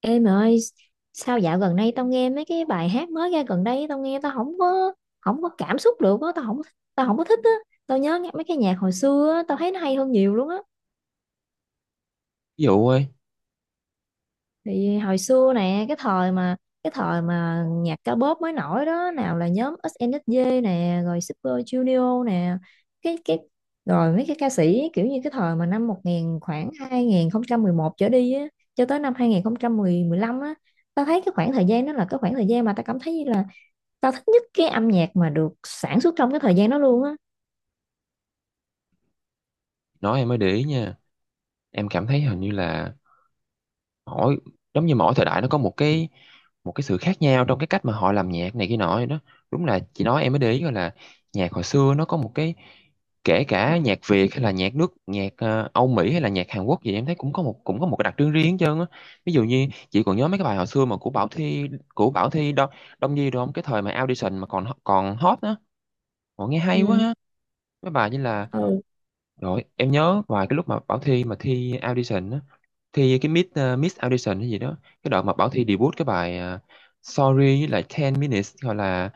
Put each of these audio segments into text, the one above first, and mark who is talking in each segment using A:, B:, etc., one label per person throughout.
A: Em ơi, sao dạo gần đây tao nghe mấy cái bài hát mới ra gần đây, tao không có cảm xúc được á, tao không có thích á. Tao nhớ nghe mấy cái nhạc hồi xưa á, tao thấy nó hay hơn nhiều luôn á.
B: Ví dụ ơi,
A: Thì hồi xưa nè, cái thời mà nhạc ca bóp mới nổi đó, nào là nhóm SNSD nè, rồi Super Junior nè, cái rồi mấy cái ca sĩ kiểu như cái thời mà năm 1000 khoảng 2011 trở đi á, cho tới năm 2015 á, tao thấy cái khoảng thời gian đó là cái khoảng thời gian mà tao cảm thấy như là tao thích nhất cái âm nhạc mà được sản xuất trong cái thời gian đó luôn á.
B: nói em mới để ý nha. Em cảm thấy hình như là mỗi giống như mỗi thời đại nó có một cái sự khác nhau trong cái cách mà họ làm nhạc này kia nọ vậy đó. Đúng là chị nói em mới để ý gọi là nhạc hồi xưa nó có một cái kể cả nhạc Việt hay là nhạc Âu Mỹ hay là nhạc Hàn Quốc gì em thấy cũng có một cái đặc trưng riêng hết trơn á. Ví dụ như chị còn nhớ mấy cái bài hồi xưa mà của Bảo Thy Đông Đông Nhi đúng không? Cái thời mà audition mà còn còn hot á. Họ nghe hay quá
A: Ừ.
B: ha. Mấy bài như là
A: Ừ.
B: rồi, em nhớ vài cái lúc mà Bảo Thy mà thi audition á, thi cái Miss audition hay gì đó, cái đoạn mà Bảo Thy debut cái bài Sorry với lại ten minutes gọi là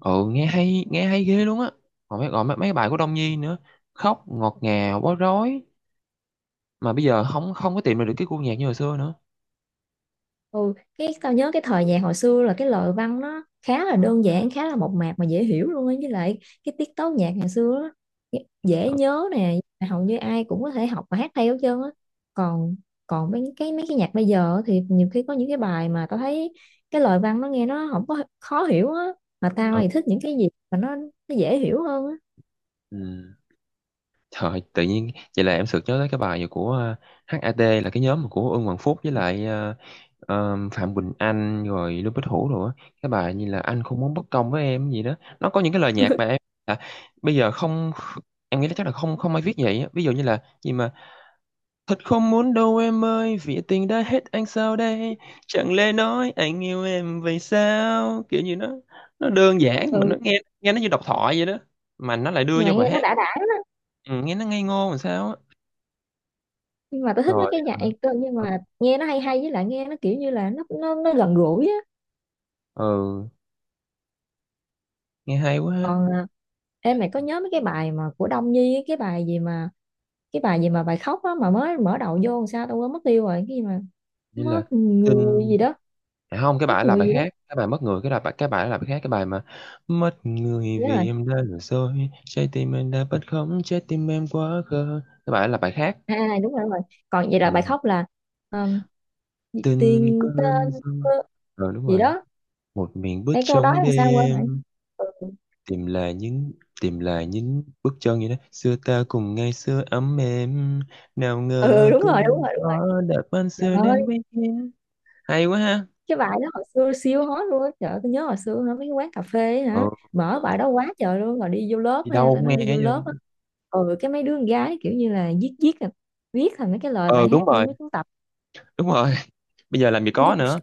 B: ừ nghe hay ghê luôn á. Còn mấy bài của Đông Nhi nữa, khóc ngọt ngào bối rối mà bây giờ không không có tìm được cái gu nhạc như hồi xưa nữa.
A: ừ cái tao nhớ cái thời nhạc hồi xưa là cái lời văn nó khá là đơn giản, khá là mộc mạc mà dễ hiểu luôn á, với lại cái tiết tấu nhạc ngày xưa á dễ dễ nhớ nè, hầu như ai cũng có thể học và hát theo hết trơn á. Còn còn mấy cái nhạc bây giờ thì nhiều khi có những cái bài mà tao thấy cái lời văn nó nghe nó không có khó hiểu á, mà tao
B: Ừ.
A: thì thích những cái gì mà nó dễ hiểu hơn á.
B: Ừ. Trời, tự nhiên vậy là em sực nhớ tới cái bài của HAT là cái nhóm của Ưng Hoàng Phúc với lại Phạm Quỳnh Anh rồi Lưu Bích Hữu rồi á. Cái bài như là anh không muốn bất công với em gì đó. Nó có những cái lời nhạc mà em à, bây giờ không em nghĩ là chắc là không không ai viết vậy á. Ví dụ như là gì mà thật không muốn đâu em ơi vì tình đã hết anh sao đây chẳng lẽ nói anh yêu em vậy sao kiểu như nó đơn giản mà
A: Ừ.
B: nó nghe nghe nó như độc thoại vậy đó mà nó lại đưa
A: Như
B: vô
A: vậy nghe
B: bài
A: nó
B: hát
A: đã lắm.
B: ừ, nghe nó ngây ngô làm sao á
A: Nhưng mà tôi thích mấy cái
B: rồi
A: nhạc
B: hả?
A: cơ, nhưng mà nghe nó hay hay, với lại nghe nó kiểu như là nó gần gũi á.
B: Ừ, nghe hay quá ha.
A: Còn em mày có nhớ mấy cái bài mà của Đông Nhi á, cái bài gì mà bài khóc á mà mới mở đầu vô, làm sao tôi quên mất tiêu rồi, cái gì mà
B: Vậy là
A: mất
B: tin
A: người gì đó.
B: à, không cái
A: Mất
B: bài là
A: người
B: bài
A: gì đó.
B: khác cái bài mất người cái là bài cái bài là bài khác cái bài mà mất người
A: Nhớ rồi.
B: vì em đã lừa dối trái tim em đã bất khống trái tim em quá khờ cái bài là bài khác.
A: À à, đúng rồi, đúng rồi. Còn vậy là bài
B: Ừ.
A: khóc là um,
B: Tình
A: tiền
B: cơn
A: tên
B: gió.
A: cơ
B: Ừ đúng
A: gì
B: rồi.
A: đó.
B: Một miền bước
A: Cái câu đó
B: trong
A: làm sao quên vậy.
B: đêm.
A: Ừ,
B: Tìm lại những tìm lại những bước chân như đó xưa ta cùng ngày xưa ấm êm, nào
A: ừ
B: ngờ
A: đúng rồi, đúng
B: cơn
A: rồi, đúng rồi.
B: gió đã ban
A: Trời
B: xưa đến
A: ơi,
B: với em. Hay quá ha.
A: cái bài đó hồi xưa siêu hot luôn á. Trời ơi, tôi nhớ hồi xưa hả, mấy cái quán cà phê ấy hả,
B: Ừ,
A: mở
B: trời
A: bài
B: ơi,
A: đó quá trời luôn, rồi đi vô lớp
B: đi đâu
A: ha, tao
B: cũng
A: nói
B: nghe
A: đi
B: hết
A: vô lớp
B: trơn.
A: á. Ừ. Cái mấy đứa con gái kiểu như là viết viết là viết thành mấy cái lời
B: ờ
A: bài
B: đúng
A: hát vô
B: rồi
A: mấy cuốn tập.
B: đúng rồi Bây giờ làm gì có nữa.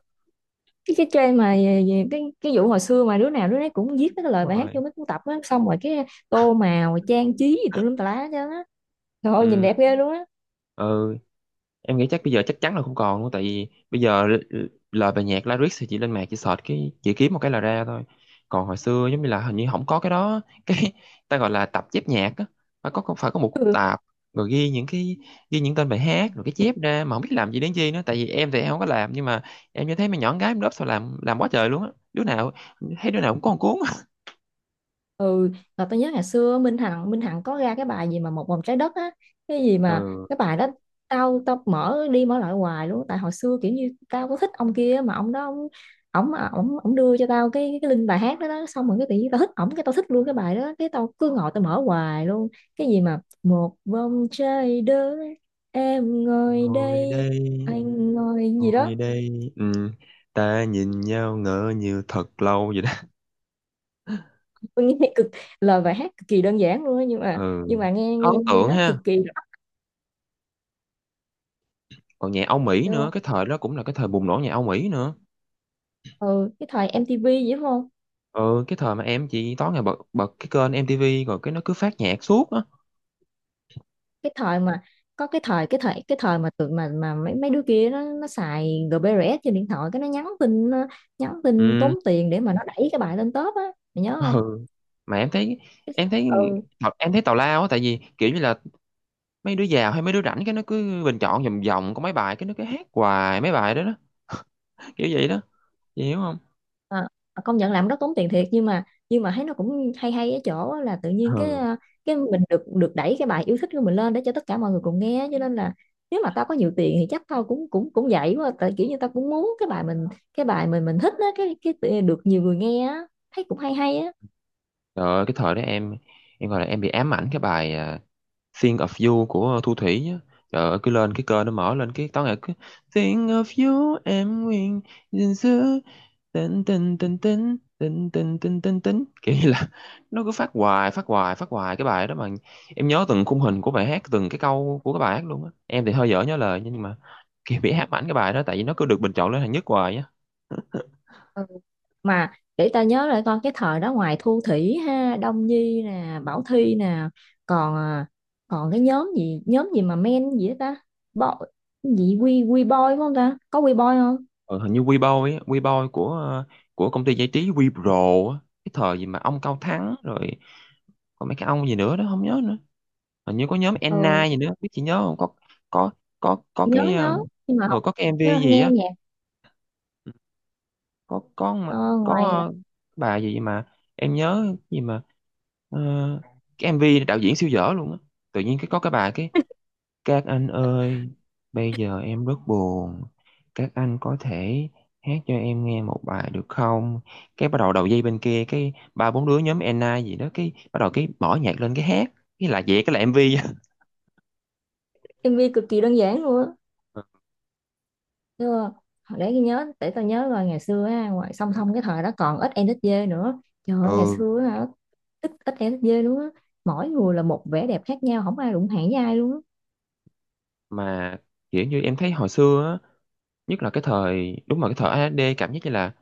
A: Cái trend mà về cái vụ hồi xưa mà đứa nào đứa nấy cũng viết mấy cái lời
B: Đúng
A: bài hát
B: rồi.
A: vô mấy cuốn tập á, xong rồi cái tô màu trang trí gì tùm lum tà lá chứ á. Trời ơi, nhìn
B: Ừ.
A: đẹp ghê luôn á.
B: Ừ. Em nghĩ chắc bây giờ chắc chắn là không còn luôn tại vì bây giờ lời bài nhạc lyrics thì chị lên mạng chị search cái chị kiếm một cái là ra thôi. Còn hồi xưa giống như là hình như không có cái đó cái ta gọi là tập chép nhạc á, phải có một cuốn tạp, rồi ghi những tên bài hát rồi cái chép ra mà không biết làm gì đến chi nữa tại vì em thì em không có làm nhưng mà em như thấy mấy nhỏ con gái lớp sao làm quá trời luôn á, đứa nào thấy đứa nào cũng có một cuốn.
A: Ừ, là tôi nhớ ngày xưa Minh Hằng có ra cái bài gì mà một vòng trái đất á, cái gì mà
B: Ừ.
A: cái bài đó tao tao mở đi mở lại hoài luôn, tại hồi xưa kiểu như tao có thích ông kia mà ông đó ông ổng ổng ổng đưa cho tao cái link bài hát đó, đó, xong rồi cái tự nhiên tao thích ổng, cái tao thích luôn cái bài đó, cái tao cứ ngồi tao mở hoài luôn. Cái gì mà một vòng trái đất, em ngồi
B: Ngồi
A: đây,
B: đây.
A: anh ngồi gì đó.
B: Ngồi đây, ừ, ta nhìn nhau ngỡ như thật lâu vậy đó.
A: Tôi nghe cực, lời bài hát cực kỳ đơn giản luôn á, nhưng mà
B: Ừ,
A: nghe nghe
B: ấn
A: nghe
B: tượng
A: nó cực
B: ha.
A: kỳ
B: Còn nhạc Âu Mỹ nữa,
A: rõ.
B: cái thời đó cũng là cái thời bùng nổ nhạc Âu Mỹ nữa.
A: Ừ, cái thời MTV vậy đúng không?
B: Ừ, cái thời mà em chỉ tối ngày bật bật cái kênh MTV rồi cái nó cứ phát nhạc suốt á.
A: Cái thời mà có cái thời mà tụi mà mấy mấy đứa kia nó xài GBRS trên điện thoại, cái nó nhắn tin, nó nhắn tin
B: Ừ.
A: tốn tiền để mà nó đẩy cái bài lên top á. Mày nhớ không?
B: Ừ, mà em thấy
A: Ừ.
B: em thấy tào lao á tại vì kiểu như là mấy đứa giàu hay mấy đứa rảnh cái nó cứ bình chọn vòng vòng có mấy bài cái nó cứ hát hoài mấy bài đó đó. Kiểu vậy đó. Chị hiểu không?
A: Ờ, công nhận làm rất tốn tiền thiệt, nhưng mà thấy nó cũng hay hay ở chỗ á, là tự nhiên cái
B: Ừ.
A: cái mình được được đẩy cái bài yêu thích của mình lên để cho tất cả mọi người cùng nghe, cho nên là nếu mà tao có nhiều tiền thì chắc tao cũng cũng cũng vậy quá, tại kiểu như tao cũng muốn cái bài mình, cái bài mình thích á, cái được nhiều người nghe á, thấy cũng hay hay á.
B: Trời ơi, cái thời đó em gọi là em bị ám ảnh cái bài, Think of You của Thu Thủy á. Trời ơi, cứ lên cái kênh nó mở lên cái tối ngày cứ Think of you em nguyện gìn giữ tình tình tình tình tình tình tình tình tình kiểu như là nó cứ phát hoài phát hoài cái bài đó mà em nhớ từng khung hình của bài hát, từng cái câu của cái bài hát luôn á, em thì hơi dở nhớ lời nhưng mà kiểu bị ám ảnh cái bài đó tại vì nó cứ được bình chọn lên hạng nhất hoài á.
A: Mà để ta nhớ lại con cái thời đó, ngoài Thu Thủy ha, Đông Nhi nè, Bảo Thy nè, còn còn cái nhóm gì, nhóm gì mà men gì đó ta, Bo, gì quy, boy phải không ta, có quy boy không?
B: Ờ, hình như Weibo ấy, Weibo của công ty giải trí Wepro á, cái thời gì mà ông Cao Thắng rồi còn mấy cái ông gì nữa đó không nhớ nữa. Hình như có nhóm Enna
A: Ừ,
B: gì nữa, biết chị nhớ không? Có có
A: nhớ
B: cái ờ
A: nhớ, nhưng mà học
B: ờ, có cái MV
A: nhớ
B: gì
A: nghe
B: á,
A: nhạc.
B: ừ. có có mà-
A: Ờ,
B: có
A: ngoài
B: ờ, bà gì mà em nhớ gì mà ờ, cái MV đạo diễn siêu dở luôn á. Tự nhiên cái có cái bà cái các anh ơi, bây giờ em rất buồn. Các anh có thể hát cho em nghe một bài được không? Cái bắt đầu đầu dây bên kia, cái ba bốn đứa nhóm Enna gì đó, cái bắt đầu cái mở nhạc lên cái hát. Cái là vậy, cái là MV.
A: MV cực kỳ đơn giản luôn á. Chưa, để tôi nhớ, để tao nhớ rồi, ngày xưa á, ngoài song song cái thời đó còn ít NSD nữa. Trời ơi, ngày
B: Ừ,
A: xưa á, hả, ít ít NSD luôn á, mỗi người là một vẻ đẹp khác nhau, không ai đụng hàng với ai luôn á.
B: mà kiểu như em thấy hồi xưa á, nhất là cái thời, đúng là cái thời AD cảm giác như là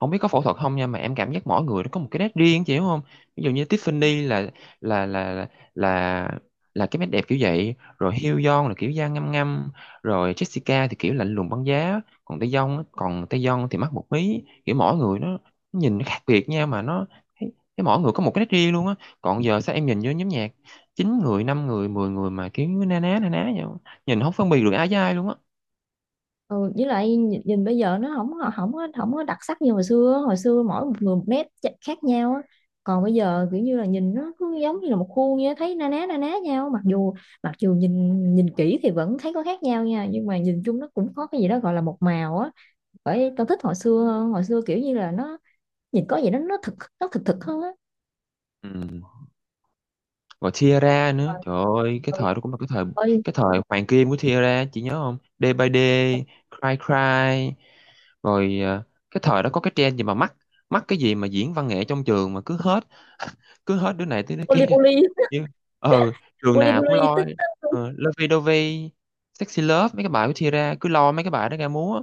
B: không biết có phẫu thuật không nha mà em cảm giác mỗi người nó có một cái nét riêng chị hiểu không? Ví dụ như Tiffany là là là là là cái nét đẹp kiểu vậy, rồi Hyun là kiểu da ngăm ngăm, rồi Jessica thì kiểu lạnh lùng băng giá, còn Taeyong thì mắt một mí, kiểu mỗi người nó nhìn nó khác biệt nha mà nó thấy thấy mỗi người có một cái nét riêng luôn á. Còn giờ sao em nhìn vô nhóm nhạc chín người, năm người, 10 người mà kiểu na ná vậy, nhìn không phân biệt được ai với ai luôn á.
A: Ừ, với lại nhìn, nhìn bây giờ nó không có, không có đặc sắc như hồi xưa. Hồi xưa mỗi một người một nét khác nhau á, còn bây giờ kiểu như là nhìn nó cứ giống như là một khuôn vậy á, thấy na ná nhau, mặc dù nhìn nhìn kỹ thì vẫn thấy có khác nhau nha, nhưng mà nhìn chung nó cũng có cái gì đó gọi là một màu á. Bởi tao thích hồi xưa hơn, hồi xưa kiểu như là nó nhìn có gì đó nó thực, thực hơn á.
B: Ừ. Rồi Tiara
A: Mà-
B: nữa, trời ơi cái
A: ừ,
B: thời đó cũng là
A: ôi,
B: cái thời hoàng kim của Tiara, chị nhớ không? Day by Day, Cry Cry, rồi à, cái thời đó có cái trend gì mà mắc mắc cái gì mà diễn văn nghệ trong trường mà cứ hết đứa này tới đứa kia.
A: poly poly.
B: Nhưng ờ trường
A: poly
B: nào cũng
A: poly
B: lo
A: tích tích.
B: ờ, Lovey Dovey, Sexy Love, mấy cái bài của Tiara cứ lo mấy cái bài đó ra múa.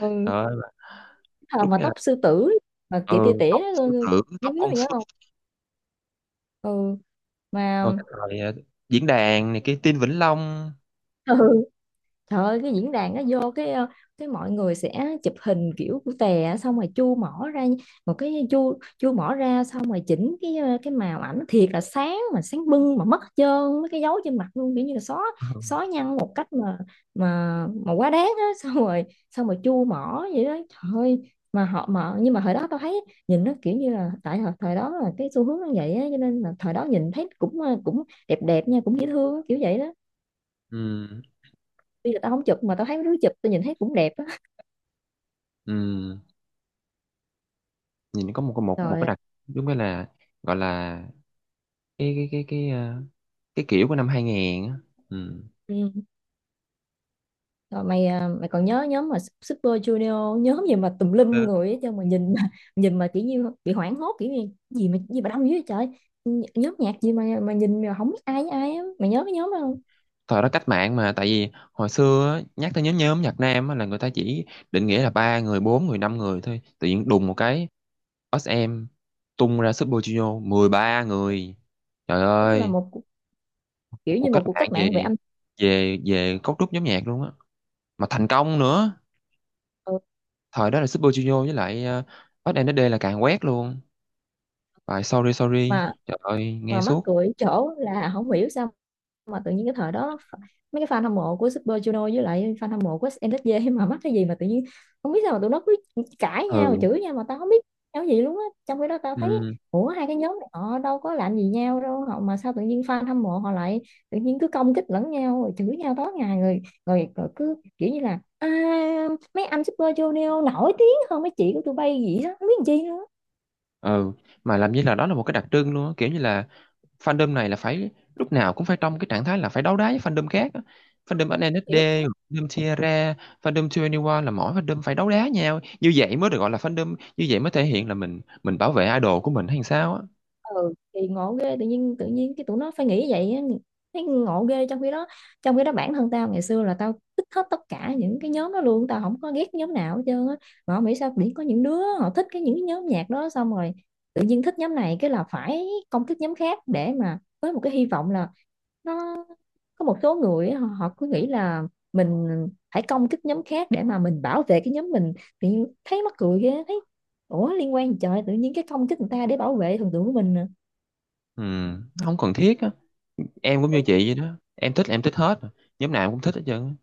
A: ừ.
B: Trời ơi,
A: Thời
B: đúng
A: mà
B: như là
A: tóc sư tử, mà tỉa
B: ừ,
A: tỉa tỉa.
B: tóc sư tử,
A: Mấy
B: tóc
A: đứa
B: con
A: mày
B: sư
A: nhớ. Ừ. Mà
B: rồi cái thời diễn đàn này kia Tin Vĩnh Long.
A: ừ. Trời ơi, cái diễn đàn nó vô cái cái mọi người sẽ chụp hình kiểu của tè á, xong rồi chu mỏ ra một cái, chu chu mỏ ra, xong rồi chỉnh cái cái màu ảnh thiệt là sáng, mà sáng bưng mà mất hết trơn mấy cái dấu trên mặt luôn, kiểu như là xóa, nhăn một cách mà quá đáng á, xong rồi chu mỏ vậy đó. Trời ơi, mà họ, mà nhưng mà thời đó tao thấy nhìn nó kiểu như là tại thời, thời đó là cái xu hướng nó vậy á, cho nên là thời đó nhìn thấy cũng cũng đẹp đẹp nha, cũng dễ thương á, kiểu vậy đó.
B: Ừ.
A: Tuy là tao không chụp mà tao thấy mấy đứa chụp, tao nhìn thấy cũng đẹp á.
B: Ừ. Nhìn có một cái
A: Rồi.
B: đặc đúng cái là gọi là cái cái kiểu của năm 2000 á. Ừ.
A: Ừ. Rồi mày mày còn nhớ nhóm mà Super Junior, nhóm gì mà tùm lum
B: Ừ.
A: người ấy, chứ mà nhìn mà nhìn mà kiểu như bị hoảng hốt kiểu như gì mà đông dữ vậy trời. Nhóm nhạc gì mà nhìn mà không biết ai với ai á, mày nhớ cái nhóm đó không?
B: Thời đó cách mạng mà tại vì hồi xưa á, nhắc tới nhóm nhóm nhạc nam á, là người ta chỉ định nghĩa là ba người bốn người năm người thôi tự nhiên đùng một cái SM tung ra Super Junior 13 người, trời
A: Đúng là
B: ơi,
A: một cuộc-,
B: một
A: kiểu
B: cuộc
A: như
B: cách
A: một cuộc
B: mạng
A: cách mạng về
B: về
A: âm.
B: về về cấu trúc nhóm nhạc luôn á mà thành công nữa.
A: Ừ.
B: Thời đó là Super Junior với lại ét em đê là càng quét luôn, phải sorry sorry
A: Mà
B: trời ơi nghe
A: mắc
B: suốt.
A: cười chỗ là không hiểu sao mà tự nhiên cái thời đó mấy cái fan hâm mộ của Super Junior với lại fan hâm mộ của SNSD mà mắc cái gì mà tự nhiên, không biết sao mà tụi nó cứ cãi nhau rồi
B: Ừ.
A: chửi nhau mà tao không biết nhau gì luôn á, trong khi đó tao thấy
B: Ừ.
A: ủa, hai cái nhóm này họ đâu có làm gì nhau đâu, họ mà sao tự nhiên fan hâm mộ họ lại tự nhiên cứ công kích lẫn nhau rồi chửi nhau tối ngày rồi, rồi cứ kiểu như là à, mấy anh Super Junior nổi tiếng hơn mấy chị của tụi bay gì đó, không biết làm chi nữa.
B: Ừ, mà làm như là đó là một cái đặc trưng luôn á kiểu như là fandom này là phải lúc nào cũng phải trong cái trạng thái là phải đấu đá với fandom khác á. Fandom
A: Hiểu
B: SNSD,
A: không?
B: fandom Tierra, fandom 21 là mỗi fandom phải đấu đá nhau, như vậy mới được gọi là fandom, như vậy mới thể hiện là mình bảo vệ idol của mình hay sao á.
A: Ừ, thì ngộ ghê, tự nhiên cái tụi nó phải nghĩ vậy á, thấy ngộ ghê. Trong khi đó bản thân tao ngày xưa là tao thích hết tất cả những cái nhóm đó luôn, tao không có ghét nhóm nào hết trơn á. Mà không hiểu sao biển có những đứa họ thích những cái nhóm nhạc đó, xong rồi tự nhiên thích nhóm này cái là phải công kích nhóm khác để mà với một cái hy vọng là nó, có một số người á, họ cứ nghĩ là mình phải công kích nhóm khác để mà mình bảo vệ cái nhóm mình, tự nhiên thấy mắc cười ghê, thấy ủa liên quan gì trời, tự nhiên cái công kích người ta để bảo vệ thần tượng của mình à?
B: Ừ, không cần thiết á, em cũng như chị vậy đó, em thích là em thích hết, nhóm nào em cũng thích hết trơn á.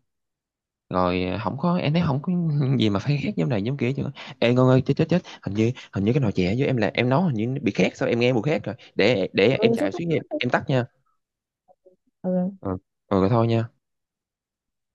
B: Rồi không có em thấy không có gì mà phải khác giống này giống kia chứ. Ê Ngân ơi, chết chết chết hình như cái nồi chè với em là em nấu hình như nó bị khét sao em nghe mùi khét rồi, để em
A: Ừ, xúc
B: chạy xuống em
A: tích.
B: em tắt nha.
A: Ừ.
B: Ừ, ừ rồi thôi nha.